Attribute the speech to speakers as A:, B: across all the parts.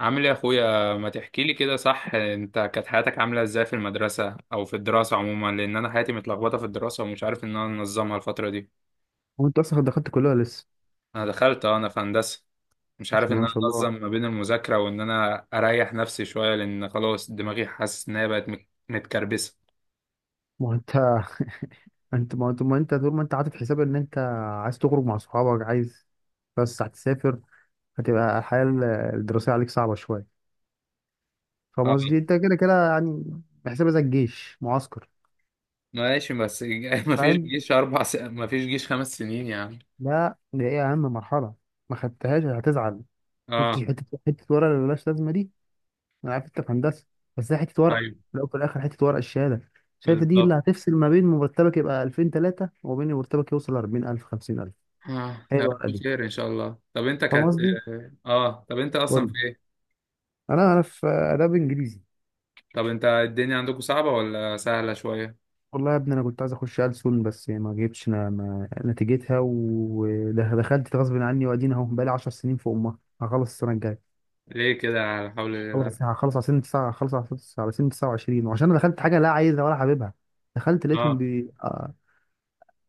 A: عامل ايه يا اخويا؟ ما تحكي لي كده صح. انت كانت حياتك عامله ازاي في المدرسه او في الدراسه عموما؟ لان انا حياتي متلخبطه في الدراسه ومش عارف ان انا انظمها الفتره دي.
B: هو انت اصلا دخلت كلها لسه؟
A: انا دخلت، انا في هندسه. مش عارف
B: بسم
A: ان
B: الله
A: انا
B: ما شاء الله.
A: انظم ما بين المذاكره وان انا اريح نفسي شويه، لان خلاص دماغي حاسس ان هي بقت متكربسه.
B: ما هو انت انت ما هو انت ما انت طول ما انت عاطف حساب ان انت عايز تخرج مع صحابك، عايز، بس هتسافر، هتبقى الحياه الدراسيه عليك صعبه شويه. فاهم
A: اه،
B: قصدي؟ انت كده كده يعني، بحسابها زي الجيش معسكر.
A: ماشي بس ما فيش
B: فاهم؟
A: جيش اربع س... ما فيش جيش خمس سنين يعني.
B: لا دي ايه، اهم مرحله. ما خدتهاش هتزعل. شفتش
A: اه،
B: حته ورقه اللي ملهاش لازمه دي؟ انا عارف انت في هندسه، بس هي حته ورقه.
A: ايوه
B: لو في الاخر حته ورقه الشهاده، شايف دي اللي
A: بالظبط.
B: هتفصل ما بين مرتبك يبقى 2003 وما بين مرتبك يوصل 40,000 50,000. هي
A: يا
B: الورقه
A: رب
B: دي.
A: خير ان شاء الله. طب انت
B: فاهم
A: كانت،
B: قصدي؟
A: اه، طب انت
B: قول
A: اصلا في،
B: لي. انا في اداب انجليزي.
A: طب انت الدنيا عندكم صعبة ولا سهلة شوية؟
B: والله يا ابني انا كنت عايز اخش ألسن بس ما جبتش ما نتيجتها، ودخلت غصب عني، وادينا اهو بقالي 10 سنين في امها، هخلص السنه الجايه.
A: ليه كده؟ حول الله.
B: خلص هخلص على سن 9، هخلص على سن 29، وعشان انا دخلت حاجه لا عايزها ولا حاببها. دخلت لقيتهم
A: اه،
B: بي... آه،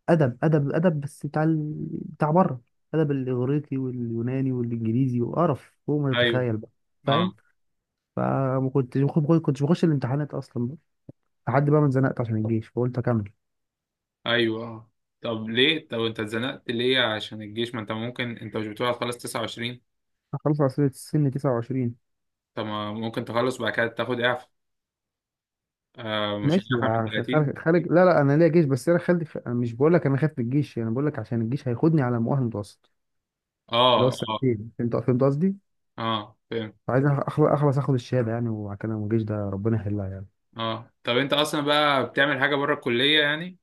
B: ادب بس بتاع بره، ادب الاغريقي واليوناني والانجليزي، وقرف فوق ما
A: ايوه.
B: تتخيل بقى.
A: اه،
B: فاهم؟ فما كنتش ما كنتش بخش الامتحانات اصلا لحد بقى ما اتزنقت عشان الجيش فقلت اكمل.
A: ايوه. اه، طب ليه؟ طب انت اتزنقت ليه عشان الجيش؟ ما انت ممكن، انت مش بتقول هتخلص 29؟
B: خلص عصير السن 29.
A: طب ما ممكن تخلص وبعد كده تاخد اعفاء؟ آه، مش
B: ماشي
A: اعفاء من
B: بقى،
A: 30؟
B: خارج خارج، لا لا، انا ليا جيش، بس انا خالد أنا مش بقول لك انا خايف من الجيش، انا بقول لك عشان الجيش هياخدني على مؤهل متوسط اللي هو
A: اه، اه،
B: السنتين. فهمت قصدي؟
A: اه، فاهم.
B: فعايز اخلص اخد الشهاده يعني، وبعد كده الجيش ده ربنا يحلها يعني.
A: اه، طب انت اصلا بقى بتعمل حاجة بره الكلية يعني؟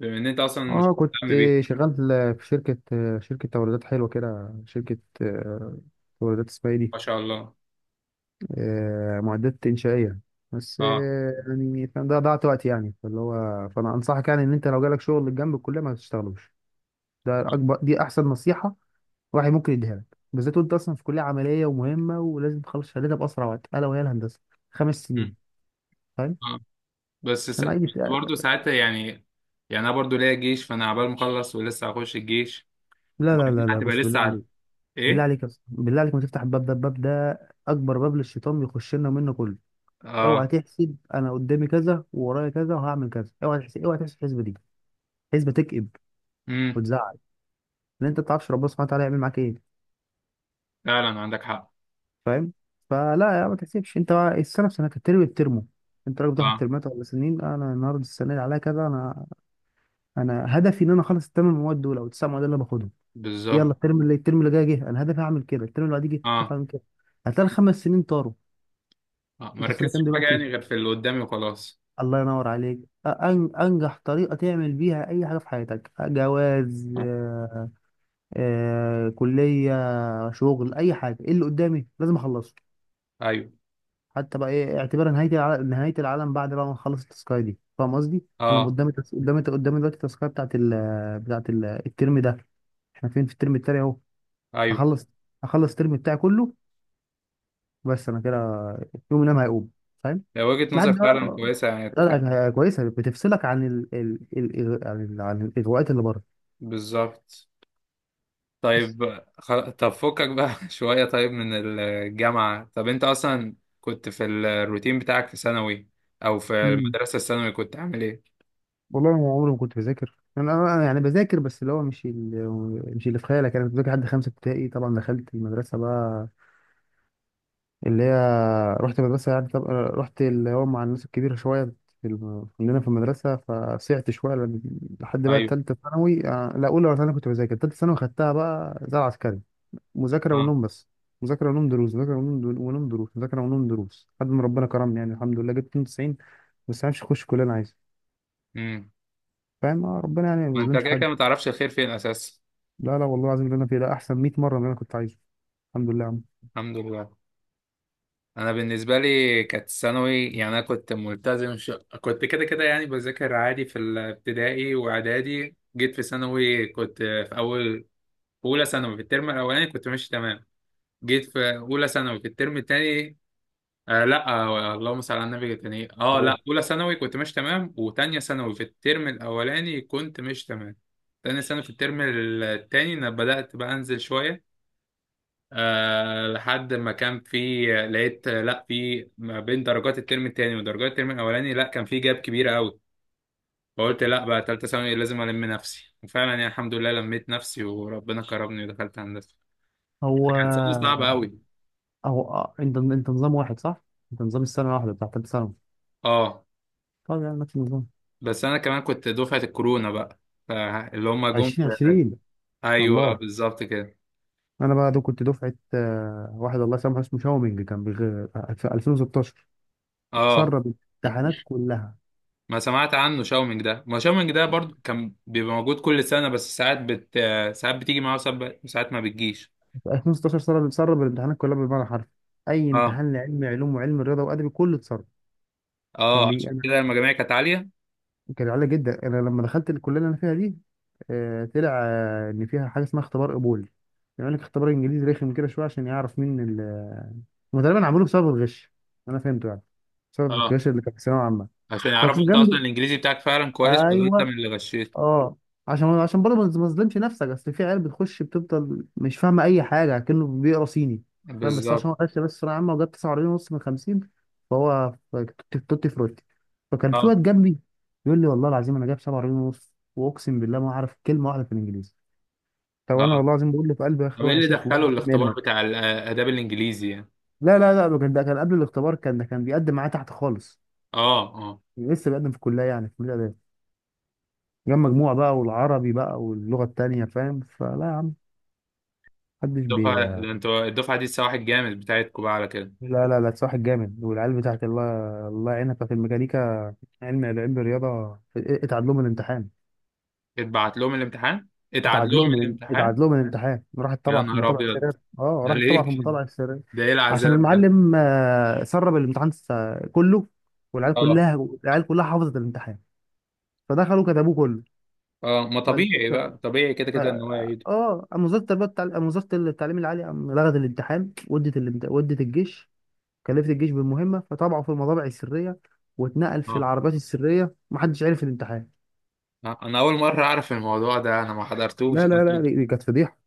A: بما ان انت اصلا مش
B: اه كنت
A: مهتم بيها.
B: شغال في شركه توريدات حلوه كده، شركه، توريدات، اسمها ايه
A: ما
B: دي،
A: شاء الله.
B: معدات انشائيه. بس
A: اه،
B: يعني فاهم ده ضيعت وقت يعني، فاللي هو فانا انصحك يعني ان انت لو جالك شغل جنب الكليه ما تشتغلوش. ده
A: اه،
B: اكبر دي احسن نصيحه واحد ممكن يديها لك، بالذات وانت اصلا في كليه عمليه ومهمه، ولازم تخلص شهادتها باسرع وقت، الا وهي الهندسه، خمس
A: آه،
B: سنين. فاهم؟
A: آه.
B: عشان عادي
A: بس برضه ساعتها يعني. يعني انا برضه ليا جيش، فانا عبال مخلص ولسه هخش الجيش
B: لا لا
A: وبعدين
B: لا لا،
A: هتبقى
B: بص،
A: لسه
B: بالله عليك، بالله
A: ايه.
B: عليك يا اسطى، بالله عليك ما تفتح الباب ده. الباب ده اكبر باب للشيطان بيخش لنا منه كله. اوعى
A: اه.
B: تحسب انا قدامي كذا وورايا كذا وهعمل كذا، اوعى تحسب الحسبه دي حسبه تكئب
A: امم.
B: وتزعل. ان انت ما تعرفش ربنا سبحانه وتعالى يعمل معاك ايه.
A: فعلا عندك حق.
B: فاهم؟ فلا يا، ما تحسبش انت بقى السنه في سنتها الترم بترمه. انت راجل بتاخد
A: اه،
B: ترمات ولا سنين؟ انا النهارده السنه اللي عليا كذا، انا هدفي ان انا اخلص الثمان مواد دول او التسع مواد اللي انا باخدهم دي. يلا
A: بالظبط.
B: الترم اللي جاي جه انا هدفي هعمل كده، الترم اللي بعديه جه هدفي
A: اه،
B: هعمل كده، هتلاقي الخمس سنين طاروا.
A: اه، ما
B: انت في سنه
A: ركزتش
B: كام
A: في حاجه يعني
B: دلوقتي؟
A: غير في اللي قدامي وخلاص.
B: الله ينور عليك. انجح طريقه تعمل بيها اي حاجه في حياتك، جواز، كليه، شغل، اي حاجه، ايه اللي قدامي لازم اخلصه.
A: ايوه،
B: حتى بقى ايه، اعتبار نهايه العالم، نهايه العالم بعد بقى ما نخلص التاسكايه دي. فاهم قصدي؟ انا
A: اه،
B: قدامي قدامي دلوقتي التاسكايه بتاعت الترم ده. احنا فين، في الترم التاني اهو.
A: ايوه،
B: هخلص هخلص الترم بتاعي كله، بس انا كده يوم نام هيقوم. فاهم؟
A: لو وجهة نظر
B: لحد
A: فعلا
B: بقى،
A: كويسه يعني
B: لا لا، هي كويسه بتفصلك عن ال... ال... ال... عن ال... عن الاغواءات اللي بره.
A: بالظبط.
B: بس
A: طب فكك بقى شويه. طيب من الجامعه، طب انت اصلا كنت في الروتين بتاعك في ثانوي او في
B: مم.
A: المدرسه الثانوي كنت عامل ايه؟
B: والله ما عمري ما كنت بذاكر. انا يعني بذاكر بس اللي هو مش اللي في خيالك. انا كنت بذاكر لحد خمسه ابتدائي، طبعا دخلت المدرسه بقى اللي هي، رحت مدرسة يعني، طب رحت اللي هو مع الناس الكبيرة شوية، كلنا في المدرسة فسعت شوية، لحد بقى
A: ايوه.
B: تالتة ثانوي. لا أولى ولا ثانوي، كنت بذاكر تالتة ثانوي، خدتها بقى زي العسكري، مذاكرة ونوم بس، مذاكرة ونوم دروس، مذاكرة ونوم دروس، ونوم دروس، مذاكرة ونوم دروس، لحد ما ربنا كرمني يعني، الحمد لله جبت 92. بس عارفش أخش كلية أنا عايزها.
A: امم.
B: فاهم؟ اه، ربنا يعني ما
A: ما انت
B: بيظلمش
A: كده
B: حد.
A: كده ما تعرفش الخير فين اساسا.
B: لا لا، والله العظيم اللي أنا فيه ده أحسن 100 مرة من اللي أنا كنت عايزه. الحمد لله يا عم.
A: الحمد لله. انا بالنسبه لي كانت ثانوي يعني انا كنت كنت كده كده يعني بذاكر عادي في الابتدائي واعدادي. جيت في ثانوي كنت في اولى ثانوي في الترم الاولاني كنت ماشي تمام. جيت في اولى ثانوي في الترم التاني، لا، اللهم صل على النبي، التاني، لا،
B: تمام.
A: اولى ثانوي كنت ماشي تمام وتانية ثانوي في الترم الاولاني كنت ماشي تمام. تانية ثانوي في الترم التاني انا بدأت بقى انزل شويه. لحد ما كان في، لقيت، لا، في ما بين درجات الترم التاني ودرجات الترم الاولاني، لا كان في جاب كبيرة قوي. فقلت لا، بقى تالتة ثانوي لازم ألم نفسي، وفعلا يعني الحمد لله لميت نفسي وربنا كرمني ودخلت هندسة.
B: هو
A: كانت سنة صعبة قوي.
B: أو أنت نظام واحد صح؟ أنت نظام السنة الواحدة بتاع تالتة ثانوي.
A: اه،
B: طب يعني نفس النظام.
A: بس أنا كمان كنت دفعة الكورونا بقى. فاللي هما جم في-
B: 2020.
A: أيوه
B: الله.
A: بالظبط كده.
B: أنا بقى ده كنت دفعة واحد الله يسامحه اسمه شاومينج، كان في 2016
A: اه،
B: سرب الامتحانات كلها.
A: ما سمعت عنه شاومينج ده. ما شاومينج ده برضو كان بيبقى موجود كل سنة، بس ساعات بتيجي معاه وساعات ما بتجيش.
B: في 2016 سرب الامتحانات كلها بالمعنى الحرفي. أي
A: اه،
B: امتحان، لعلم علوم، وعلم رياضة، وأدبي، كله اتسرب.
A: اه، عشان
B: أنا
A: كده المجاميع كانت عالية.
B: كان عالي جدا. أنا لما دخلت الكلية اللي أنا فيها دي، طلع إن فيها حاجة اسمها اختبار قبول، يعمل لك اختبار انجليزي رخم كده شويه عشان يعرف مين هم. تقريبا عملوه بسبب الغش، انا فهمته يعني، بسبب
A: اه،
B: الغش اللي كان في ثانويه عامه.
A: عشان يعرفوا
B: فكان
A: انت اصلا
B: جنبي،
A: الانجليزي بتاعك فعلا كويس ولا انت من
B: ايوه،
A: اللي غشيت.
B: اه، عشان برضه ما ما تظلمش نفسك، اصل في عيال بتخش بتفضل مش فاهمه اي حاجه كأنه بيقرا صيني. فاهم؟ بس عشان
A: بالظبط.
B: هو غش بس ثانويه عامه وجاب 49 ونص من 50، فهو توتي، توتي فروتي. فكان في
A: اه،
B: واد جنبي يقول لي والله العظيم انا جايب 47 ونص، واقسم بالله ما اعرف كلمه واحده في الانجليزي. طب انا
A: اه،
B: والله العظيم بقول له في قلبي، يا اخي
A: طب ايه
B: روح يا
A: اللي
B: شيخ، الله
A: دخله
B: يديك
A: الاختبار
B: منك.
A: بتاع الاداب الانجليزي يعني؟
B: لا لا لا، ده كان قبل الاختبار، ده كان بيقدم معايا تحت خالص،
A: اه، اه،
B: لسه بقدم في الكليه يعني، في كليه اداب. جاب مجموع بقى، والعربي بقى، واللغه التانيه. فاهم؟ فلا يا عم، محدش بي.
A: الدفعه ده انتوا الدفعه دي السواح الجامد بتاعتكم بقى على كده.
B: لا لا لا، صاحب جامد، والعيال بتاعت الله، الله يعينها، بتاعت الميكانيكا، علم الرياضه اتعاد لهم الامتحان.
A: اتبعت لهم الامتحان اتعاد لهم الامتحان.
B: اتعاد لهم الامتحان، راحت
A: يا
B: طبعا في
A: نهار
B: المطابعه السريه.
A: ابيض.
B: اه
A: ده
B: راحت طبعا في
A: ليه كده؟
B: المطابعه السريه
A: ده ايه
B: عشان
A: العذاب ده؟
B: المعلم سرب الامتحان كله. والعيال
A: اه،
B: كلها، العيال كلها حافظت الامتحان فدخلوا كتبوه
A: اه، ما طبيعي بقى طبيعي كده
B: كله.
A: كده ان هو يعيد.
B: اه قام وزاره التربيه والتعليم، قام وزاره التعليم العالي، قام لغت الامتحان، ودت ودت الجيش، كلفت الجيش بالمهمه، فطبعه في المطابع السريه، واتنقل في
A: اه،
B: العربات السريه، محدش عرف الامتحان.
A: انا اول مره اعرف الموضوع ده، انا ما حضرتوش
B: لا لا لا، دي كانت فضيحه.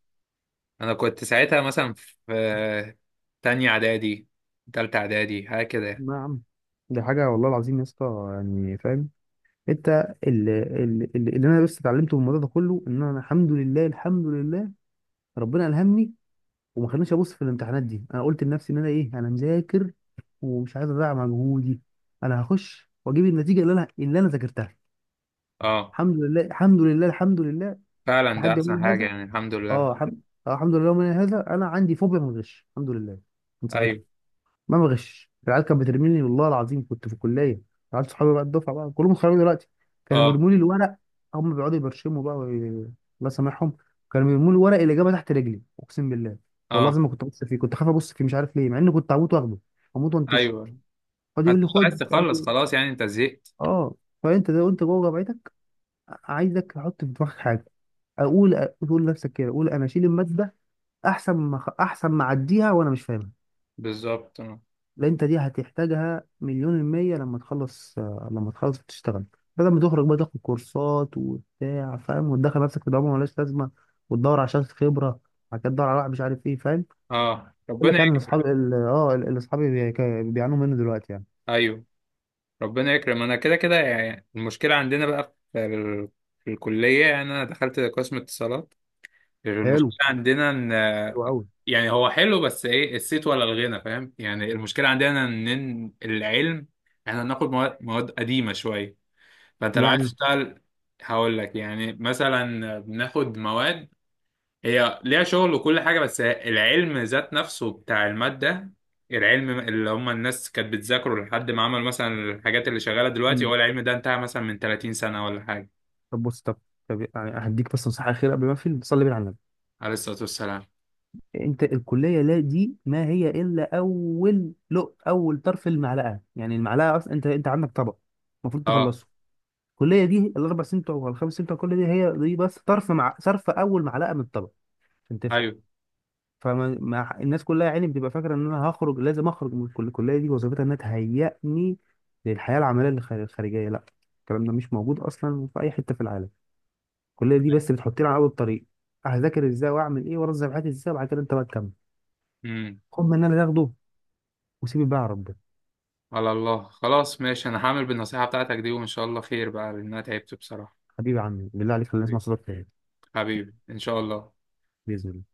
A: انا كنت ساعتها مثلا في تانية اعدادي تالتة اعدادي هكذا يعني.
B: نعم. دي حاجه والله العظيم يا اسطى. يعني فاهم؟ انت اللي انا بس اتعلمته من الموضوع ده كله، ان انا الحمد لله، الحمد لله ربنا الهمني وما خلانيش ابص في الامتحانات دي. انا قلت لنفسي ان انا ايه، انا مذاكر ومش عايز اضيع مجهودي، انا هخش واجيب النتيجه اللي انا ذاكرتها.
A: اه،
B: الحمد لله، الحمد لله، الحمد لله.
A: فعلا ده
B: لحد
A: احسن
B: يومنا
A: حاجة
B: هذا،
A: يعني. الحمد لله.
B: اه الحمد، اه الحمد لله يومنا هذا انا عندي فوبيا من الغش، الحمد لله. من ساعتها
A: ايوه،
B: ما بغش. العيال كانت بترميني، والله العظيم كنت في الكليه، العيال صحابي بقى، الدفعه بقى كلهم خرجوا دلوقتي، كانوا
A: اه،
B: بيرموا لي الورق، هم بيقعدوا يبرشموا بقى، الله يسامحهم، كانوا بيرموا لي ورق الاجابه تحت رجلي، اقسم بالله والله
A: اه،
B: العظيم ما كنت ابص فيه، كنت خايف ابص فيه، مش عارف ليه، مع اني كنت هموت واخده، هموت وانتشه،
A: ايوه.
B: فاضي يقول لي
A: هتبقى
B: خد
A: عايز
B: مش عارف
A: تخلص
B: ايه.
A: خلاص يعني، انت زهقت.
B: اه. فانت ده وانت جوه جامعتك، عايزك تحط في دماغك حاجه، اقول اقول لنفسك كده، اقول انا اشيل الماده احسن ما اعديها وانا مش فاهمها.
A: بالظبط. اه،
B: لا، انت دي هتحتاجها مليون المية لما تخلص، تشتغل. بدل ما تخرج بقى تاخد كورسات وبتاع، فاهم؟ وتدخل نفسك في دوامة ملهاش لازمة، وتدور على شهادة خبرة، بعد كده تدور على واحد مش عارف ايه. فاهم؟
A: آه.
B: يقول
A: ربنا
B: لك يعني ان
A: يكرم.
B: اصحابي اللي اصحابي بيعانوا منه دلوقتي يعني.
A: ايوه، ربنا يكرم. انا كده كده يعني المشكلة عندنا بقى في الكلية يعني. انا دخلت قسم اتصالات.
B: حلو،
A: المشكلة عندنا ان
B: حلو قوي.
A: يعني هو حلو، بس ايه الصيت ولا الغنى، فاهم يعني؟ المشكله عندنا إن العلم، احنا بناخد مواد قديمه شويه. فانت لو عايز
B: يعني
A: تشتغل، هقول لك يعني مثلا بناخد مواد هي ليها شغل وكل حاجه، بس العلم ذات نفسه بتاع الماده، العلم اللي هم الناس كانت بتذاكره لحد ما عملوا مثلا الحاجات اللي شغاله دلوقتي،
B: مم.
A: هو العلم ده انتهى مثلا من 30 سنه ولا حاجه.
B: طب بص، طب يعني هديك بس نصيحة أخيرة قبل ما أقفل. صلي بينا على النبي.
A: عليه الصلاه والسلام.
B: أنت الكلية، لا دي ما هي إلا أول، لق أول طرف المعلقة. يعني المعلقة أصلا، أنت عندك طبق المفروض
A: اه،
B: تخلصه. الكليه دي الاربع سنين بتوع ولا الخمس سنين بتوع، الكليه دي هي دي بس طرف مع صرف اول معلقه من الطبق، عشان تفهم. فما مع الناس كلها يا عيني بتبقى فاكره ان انا هخرج، لازم اخرج من الكليه دي، وظيفتها انها تهيئني للحياه العمليه الخارجيه. لا، الكلام ده مش موجود اصلا في اي حته في العالم. الكليه دي بس بتحطني على اول الطريق، هذاكر ازاي، واعمل ايه، وانظم حياتي ازاي، وبعد كده انت بقى تكمل.
A: ايوه،
B: خد من اللي انا اخده، وسيبي بقى يا رب.
A: على الله. خلاص، ماشي، انا هعمل بالنصيحة بتاعتك دي وان شاء الله خير بقى، لان انا تعبت بصراحة.
B: حبيبي يا عمي، بالله عليك خلينا نسمع
A: حبيبي.
B: صوتك تاني.
A: حبيبي ان شاء الله.
B: باذن الله.